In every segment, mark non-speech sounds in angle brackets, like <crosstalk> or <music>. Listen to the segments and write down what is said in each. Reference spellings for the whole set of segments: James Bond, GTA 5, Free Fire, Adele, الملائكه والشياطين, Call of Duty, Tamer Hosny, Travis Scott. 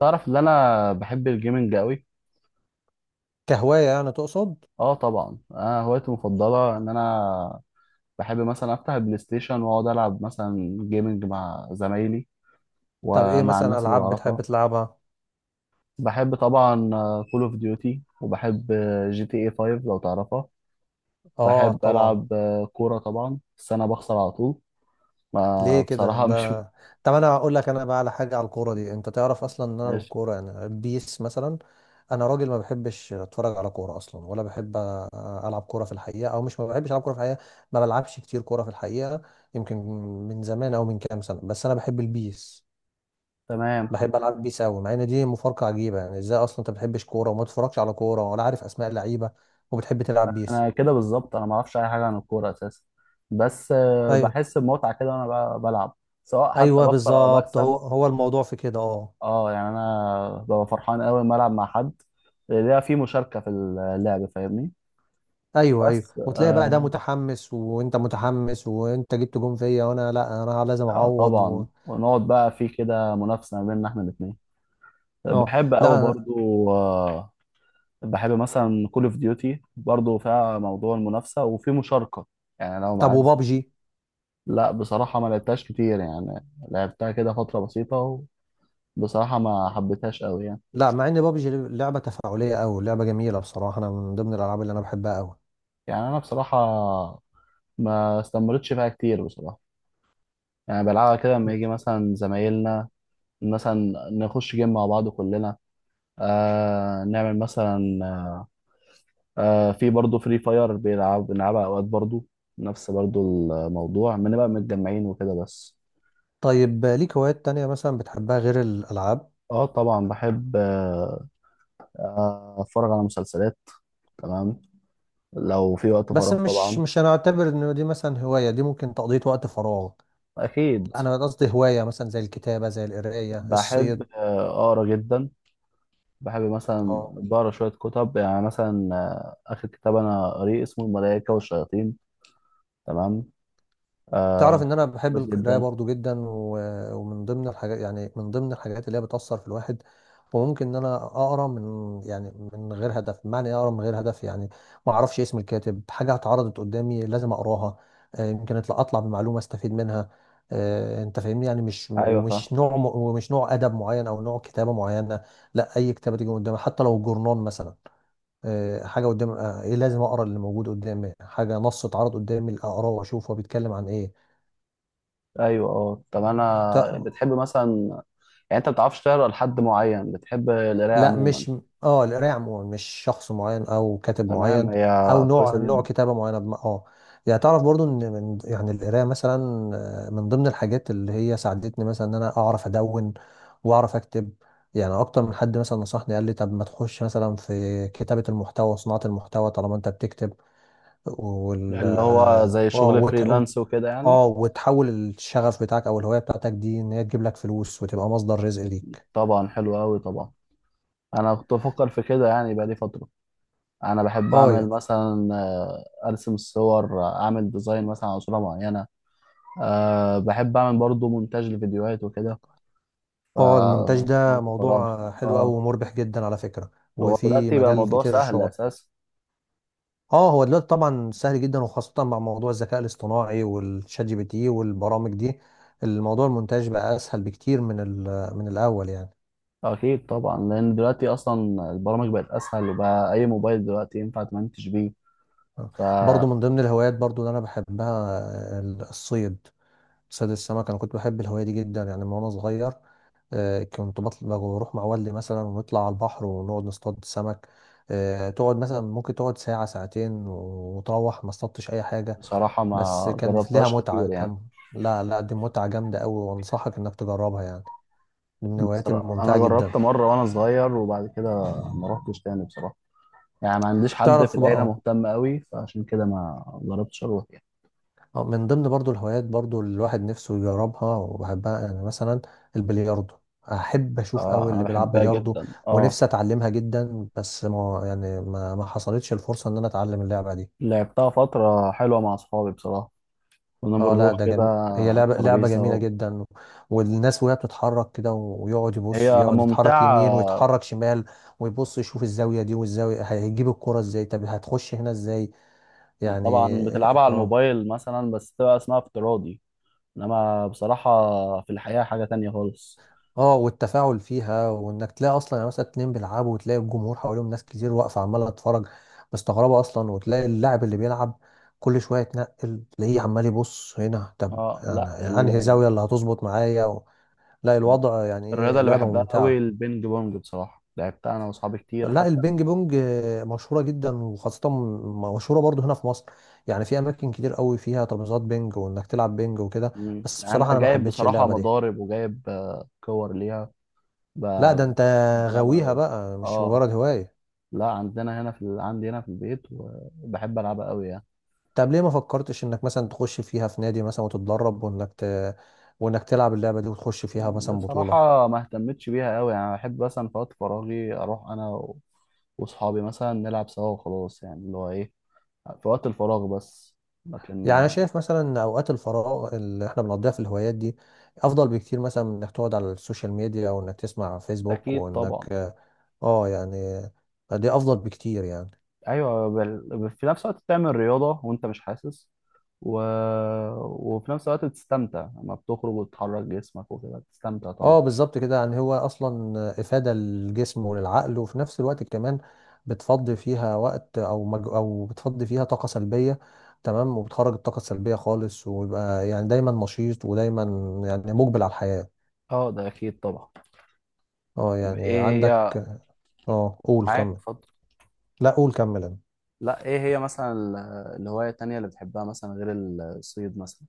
تعرف ان انا بحب الجيمنج قوي. كهواية يعني تقصد؟ اه طبعا، انا هوايتي المفضله ان انا بحب مثلا افتح البلاي ستيشن واقعد العب مثلا جيمنج مع زمايلي، طب ايه ومع مثلا الناس اللي العاب بعرفها. بتحب تلعبها؟ بحب طبعا كول اوف ديوتي، وبحب جي تي اي 5 لو تعرفها. اه بحب طبعا. العب كوره طبعا، بس انا بخسر على طول. ما ليه كده بصراحه <laughs> مش ده؟ طب انا اقول لك، انا بقى على حاجة على الكورة دي، انت تعرف اصلا ان انا مش الكورة يعني بيس مثلا. انا راجل ما بحبش اتفرج على كورة اصلا، ولا بحب العب كورة في الحقيقة، او مش، ما بحبش العب كورة في الحقيقة. ما بلعبش كتير كورة في الحقيقة. يمكن من زمان، او من كام سنة، بس انا بحب البيس. تمام. بحب العب بيس قوي، مع ان دي مفارقة عجيبة، يعني ازاي اصلا انت ما بتحبش كورة وما تتفرجش على كورة ولا عارف اسماء اللعيبة، وبتحب تلعب بيس؟ انا كده بالظبط، انا ما اعرفش اي حاجه عن الكوره اساسا. بس ايوه، بحس بمتعه كده وانا بلعب، سواء حتى ايوه، بخسر او بالظبط، بكسب. هو الموضوع في كده، اه. اه يعني انا ببقى فرحان قوي لما العب مع حد، ليها في مشاركه في اللعب، فاهمني. ايوه، ايوه، بس وتلاقي بقى ده متحمس وانت متحمس وانت جبت جون فيا، وانا لا، انا لازم اعوض طبعا، ونقعد بقى في كده منافسه ما بيننا احنا الاثنين. اه بحب قوي لا. برضو. بحب مثلا كول اوف ديوتي برضو فيها موضوع المنافسه وفي مشاركه، يعني لو طب عايز. وبابجي؟ لا، بصراحه ما لعبتهاش كتير، يعني لعبتها كده فتره بسيطه، وبصراحه ما حبيتهاش قوي يعني. لا، مع ان بابجي لعبه تفاعليه قوي، لعبه جميله بصراحه، انا من ضمن الالعاب اللي انا بحبها قوي. يعني انا بصراحه ما استمرتش فيها كتير بصراحه. يعني بلعبها كده لما يجي مثلا زمايلنا، مثلا نخش جيم مع بعض كلنا، نعمل مثلا في برضه فري فاير بيلعب بنلعبها اوقات برضه. نفس برضه الموضوع، بنبقى متجمعين وكده بس. طيب ليك هوايات تانية مثلا بتحبها غير الالعاب؟ اه طبعا بحب اتفرج على مسلسلات. تمام، لو في وقت بس فراغ مش طبعا. مش هنعتبر ان دي مثلا هوايه، دي ممكن تقضيه وقت فراغ. اكيد. انا قصدي هوايه مثلا زي الكتابه، زي القرايه، بحب الصيد. اقرا جدا. بحب مثلا اه. بقرا شويه كتب، يعني مثلا اخر كتاب انا قريه اسمه الملائكه والشياطين. تمام. تعرف آه ان انا بحب كويس القرايه جدا. برضو جدا، ومن ضمن الحاجات، يعني من ضمن الحاجات اللي هي بتاثر في الواحد. وممكن ان انا اقرا من، يعني من غير هدف. بمعنى إيه اقرا من غير هدف يعني؟ ما اعرفش اسم الكاتب، حاجه اتعرضت قدامي لازم اقراها. يمكن اطلع بمعلومه استفيد منها. انت فاهمني يعني، مش ايوه، فاهم. ومش نوع ومش نوع ادب معين او نوع كتابه معينه. لا، اي كتابه تيجي قدامي حتى لو جورنال مثلا. حاجه قدام، ايه، لازم اقرا اللي موجود قدامي، حاجه نص اتعرض قدامي اقراه واشوف هو بيتكلم عن ايه. ايوه. اه طب انا ت- بتحب مثلا، يعني انت ما بتعرفش تقرا لحد معين، بتحب القرايه لا عموما؟ مش، اه القرايه عموما، مش شخص معين او كاتب تمام، معين، هي او كويسه نوع جدا. كتابه معينه اه. يعني تعرف برضو ان من، يعني القرايه مثلا، من ضمن الحاجات اللي هي ساعدتني مثلا ان انا اعرف ادون واعرف اكتب. يعني اكتر من حد مثلا نصحني، قال لي طب ما تخش مثلا في كتابه المحتوى وصناعه المحتوى طالما انت بتكتب. وال اللي هو اه زي شغل فريلانس وكده يعني. اه، وتحول الشغف بتاعك او الهوايه بتاعتك دي ان هي تجيب لك فلوس وتبقى مصدر رزق ليك. طبعا، حلو قوي طبعا. انا كنت بفكر في كده يعني بقالي فتره. انا بحب اه. اعمل مثلا ارسم الصور، اعمل ديزاين مثلا على صوره معينه. بحب اعمل برضو مونتاج لفيديوهات وكده، ف اه، المونتاج ده وقت فراغ. موضوع حلو قوي اه، ومربح جدا على فكرة. هو وفي دلوقتي بقى مجال الموضوع كتير سهل شغل. اساسا. اه، هو دلوقتي طبعا سهل جدا، وخاصة مع موضوع الذكاء الاصطناعي والشات جي بي تي والبرامج دي. الموضوع المونتاج بقى اسهل بكتير من من الاول يعني. اكيد طبعا، لان دلوقتي اصلا البرامج بقت اسهل، وبقى اي موبايل دلوقتي ينفع تمنتج بيه. آه. برضو فبصراحه من ضمن الهوايات برضو اللي انا بحبها، آه، الصيد. صيد السمك، انا كنت بحب الهواية دي جدا يعني من وانا صغير. كنت بطلع بروح مع والدي مثلا، ونطلع على البحر ونقعد نصطاد سمك. تقعد مثلا، ممكن تقعد ساعة ساعتين وتروح ما اصطادتش أي حاجة، بس ما كان ليها جربتهاش متعة، كتير يعني. كان. لا لا، دي متعة جامدة أوي، وأنصحك إنك تجربها يعني. دي من الهوايات بصراحه انا الممتعة جدا. جربت مره وانا صغير، وبعد كده ما رحتش تاني بصراحه. يعني ما عنديش حد في تعرف العيله بقى، مهتم قوي، فعشان كده ما جربتش اروح يعني. من ضمن برضو الهوايات برضو اللي الواحد نفسه يجربها وبحبها، يعني مثلا البلياردو. أحب أشوف أوي اه، انا اللي بيلعب بحبها بلياردو، جدا اه. ونفسي أتعلمها جدا، بس ما، يعني ما حصلتش الفرصة إن أنا أتعلم اللعبة دي. لعبتها فتره حلوه مع اصحابي بصراحه، كنا اه لا، بنروح ده كده جميل. هي على لعبة الترابيزه. جميلة و... جدا. والناس وهي بتتحرك كده، ويقعد يبص، هي يقعد يتحرك ممتعه. يمين ويتحرك شمال، ويبص يشوف الزاوية دي والزاوية هيجيب الكرة ازاي، طب هتخش هنا ازاي، انت يعني. طبعا بتلعبها على اه. الموبايل مثلا، بس تبقى اسمها افتراضي. انما بصراحة في الحقيقة حاجة تانية خالص. اه، والتفاعل فيها، وانك تلاقي اصلا يعني مثلا اتنين بيلعبوا، وتلاقي الجمهور حواليهم ناس كتير واقفة عمالة تتفرج مستغربة اصلا، وتلاقي اللاعب اللي بيلعب كل شوية يتنقل، تلاقيه عمال يبص هنا، طب اه لا، انا انهي زاوية اللي هتظبط معايا. لا الوضع، يعني الرياضة ايه اللي لعبة بحبها قوي ممتعة. البينج بونج، بصراحة لعبتها انا واصحابي كتير لا حتى. البينج بونج مشهورة جدا، وخاصة مشهورة برضو هنا في مصر. يعني في أماكن كتير قوي فيها ترابيزات بينج، وإنك تلعب بينج وكده. مم. بس انا بصراحة أنا ما جايب حبيتش بصراحة اللعبة دي. مضارب وجايب كور ليها. ب- لا ده أنت بحب العبها غاويها قوي. بقى، مش اه مجرد هواية. لا، عندنا هنا في عندي هنا في البيت، وبحب العبها قوي يعني. طب ليه ما فكرتش إنك مثلا تخش فيها في نادي مثلا وتتدرب، وإنك وإنك تلعب اللعبة دي وتخش فيها مثلا بطولة؟ بصراحة ما اهتمتش بيها قوي يعني، بحب مثلا في وقت فراغي اروح انا و... واصحابي مثلا نلعب سوا وخلاص، يعني اللي هو ايه، في وقت الفراغ بس. لكن يعني انا شايف مثلا ان اوقات الفراغ اللي احنا بنقضيها في الهوايات دي افضل بكتير مثلا من انك تقعد على السوشيال ميديا، او انك تسمع فيسبوك، اكيد وانك، طبعا. اه يعني، دي افضل بكتير يعني. ايوه، في نفس الوقت بتعمل رياضه وانت مش حاسس، و... وفي نفس الوقت بتستمتع لما بتخرج وتحرك جسمك وكده، بتستمتع اه، طبعا. بالظبط كده. يعني هو اصلا افادة للجسم وللعقل، وفي نفس الوقت كمان بتفضي فيها وقت او او بتفضي فيها طاقة سلبية. تمام، وبتخرج الطاقة السلبية خالص، ويبقى يعني دايما نشيط ودايما يعني مقبل على الحياة. اه، ده اكيد طبعا. اه طب يعني ايه هي؟ عندك، اه قول معاك كمل. اتفضل. لا قول كمل انت. لا، ايه هي مثلا الهوايه التانية اللي بتحبها مثلا غير الصيد مثلا؟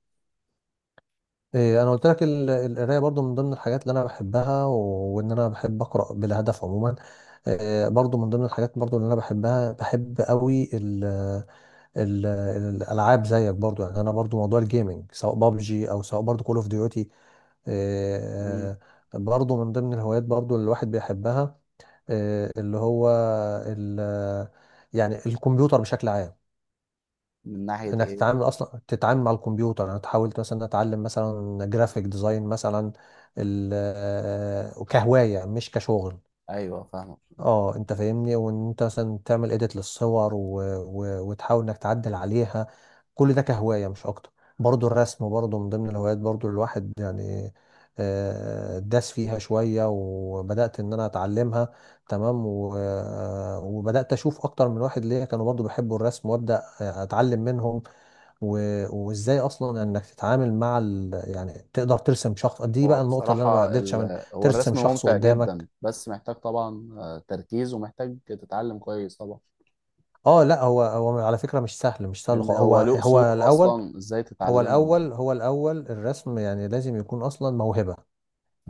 إيه، انا قلت لك القرايه برضو من ضمن الحاجات اللي انا بحبها، وان انا بحب اقرا بلا هدف عموما. إيه، برضو من ضمن الحاجات برضو اللي انا بحبها، بحب قوي ال الالعاب زيك برضو، يعني انا برضو موضوع الجيمنج سواء بابجي او سواء برضو كول اوف ديوتي، مم. برضو من ضمن الهوايات برضو اللي الواحد بيحبها. إيه، اللي هو ال، يعني الكمبيوتر بشكل عام. من ناحيه انك ايه؟ تتعامل مع الكمبيوتر، انا حاولت مثلا اتعلم مثلا جرافيك ديزاين مثلا، كهوايه مش كشغل. ايوه، فاهمك. اه انت فاهمني، وان انت مثلا تعمل اديت للصور وتحاول انك تعدل عليها، كل ده كهواية مش اكتر. برضو الرسم برضو من ضمن الهوايات برضو الواحد يعني، داس فيها شوية وبدأت ان انا اتعلمها. تمام وبدأت اشوف اكتر من واحد ليا كانوا برضو بيحبوا الرسم، وابدأ اتعلم منهم و... وازاي اصلا انك تتعامل مع يعني تقدر ترسم شخص. دي هو بقى النقطة اللي انا ما بصراحة قدرتش اعمل، هو ترسم الرسم شخص ممتع جدا، قدامك. بس محتاج طبعا تركيز، ومحتاج تتعلم كويس طبعا. اه لا، هو على فكرة مش سهل، مش سهل لان خالص. هو هو له هو اصول، الأول اصلا ازاي هو تتعلمه. الأول هو الأول الرسم يعني لازم يكون أصلا موهبة.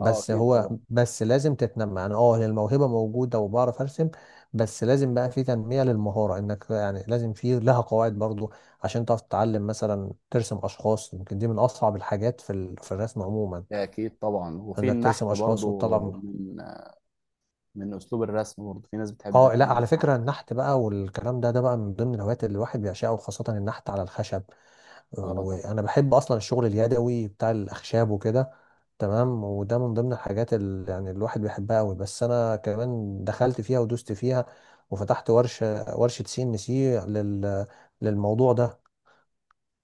اه، اكيد هو طبعا. بس لازم تتنمى يعني، اه هي الموهبة موجودة وبعرف أرسم، بس لازم بقى في تنمية للمهارة، إنك يعني لازم في لها قواعد برضو، عشان تعرف تتعلم مثلا ترسم أشخاص. يمكن دي من أصعب الحاجات في في الرسم عموما، اكيد طبعا، وفي إنك ترسم النحت أشخاص برضو وتطلع. من اسلوب الرسم برضو في ناس بتحب اه لا، على النحت. فكرة النحت بقى والكلام ده، بقى من ضمن الهوايات اللي الواحد بيعشقها، وخاصة النحت على الخشب. اه طبعا. وانا بحب اصلا الشغل اليدوي بتاع الاخشاب وكده. تمام، وده من ضمن الحاجات اللي يعني الواحد بيحبها قوي، بس انا كمان دخلت فيها ودوست فيها، وفتحت ورشه سي ان سي لل، للموضوع ده.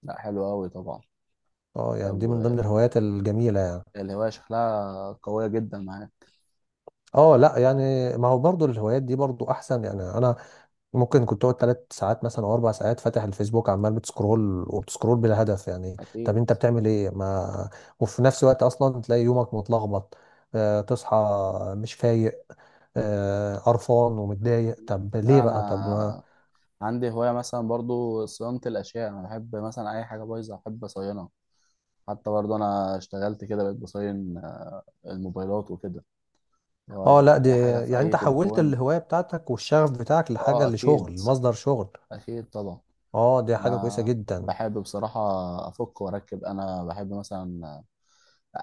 لا، حلو قوي طبعا. اه طب، يعني دي من ضمن الهوايات الجميله يعني. الهوايه شكلها قويه جدا معاك. اه لا يعني، ما هو برضو الهوايات دي برضو احسن. يعني انا ممكن كنت تقعد 3 ساعات مثلا او 4 ساعات فاتح الفيسبوك عمال بتسكرول وبتسكرول بلا هدف يعني، طب اكيد. انت بتعمل ايه؟ ما، وفي نفس الوقت اصلا تلاقي يومك متلخبط، آه تصحى مش فايق، آه قرفان ومتضايق، طب ليه لا بقى؟ طب ما، انا عندي هوايه مثلا برضو صيانه الاشياء، انا بحب مثلا اي حاجه بايظه احب اصينها. حتى برضو انا اشتغلت كده بقيت بصين الموبايلات وكده، لو اه لو في لا دي، اي حاجه في يعني اي انت حولت تليفون. الهواية بتاعتك والشغف بتاعك لحاجة اه، اكيد، لشغل، مصدر شغل. اكيد طبعا. اه دي حاجة كويسة انا جدا. بحب بصراحه افك واركب، انا بحب مثلا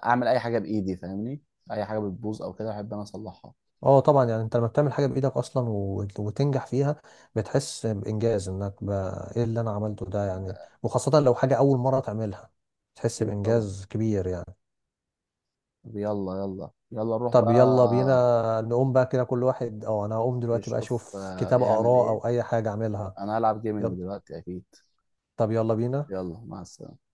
اعمل اي حاجه بايدي، فاهمني. اي حاجه بتبوظ او كده بحب انا اصلحها. اه طبعا، يعني انت لما بتعمل حاجه بايدك اصلا، وتنجح فيها، بتحس بانجاز، انك بقى ايه اللي انا عملته ده يعني، وخاصه لو حاجه اول مره تعملها، تحس اكيد طبعا. بانجاز كبير يعني. طب، يلا يلا يلا، نروح طب يلا بينا بقى. نقوم بقى كده، كل واحد، اه انا هقوم دلوقتي بقى يشوف اشوف كتاب يعمل اقراه ايه. او اي حاجه اعملها. انا هلعب يلا. جيمنج دلوقتي اكيد. طب يلا بينا. يلا، مع السلامه.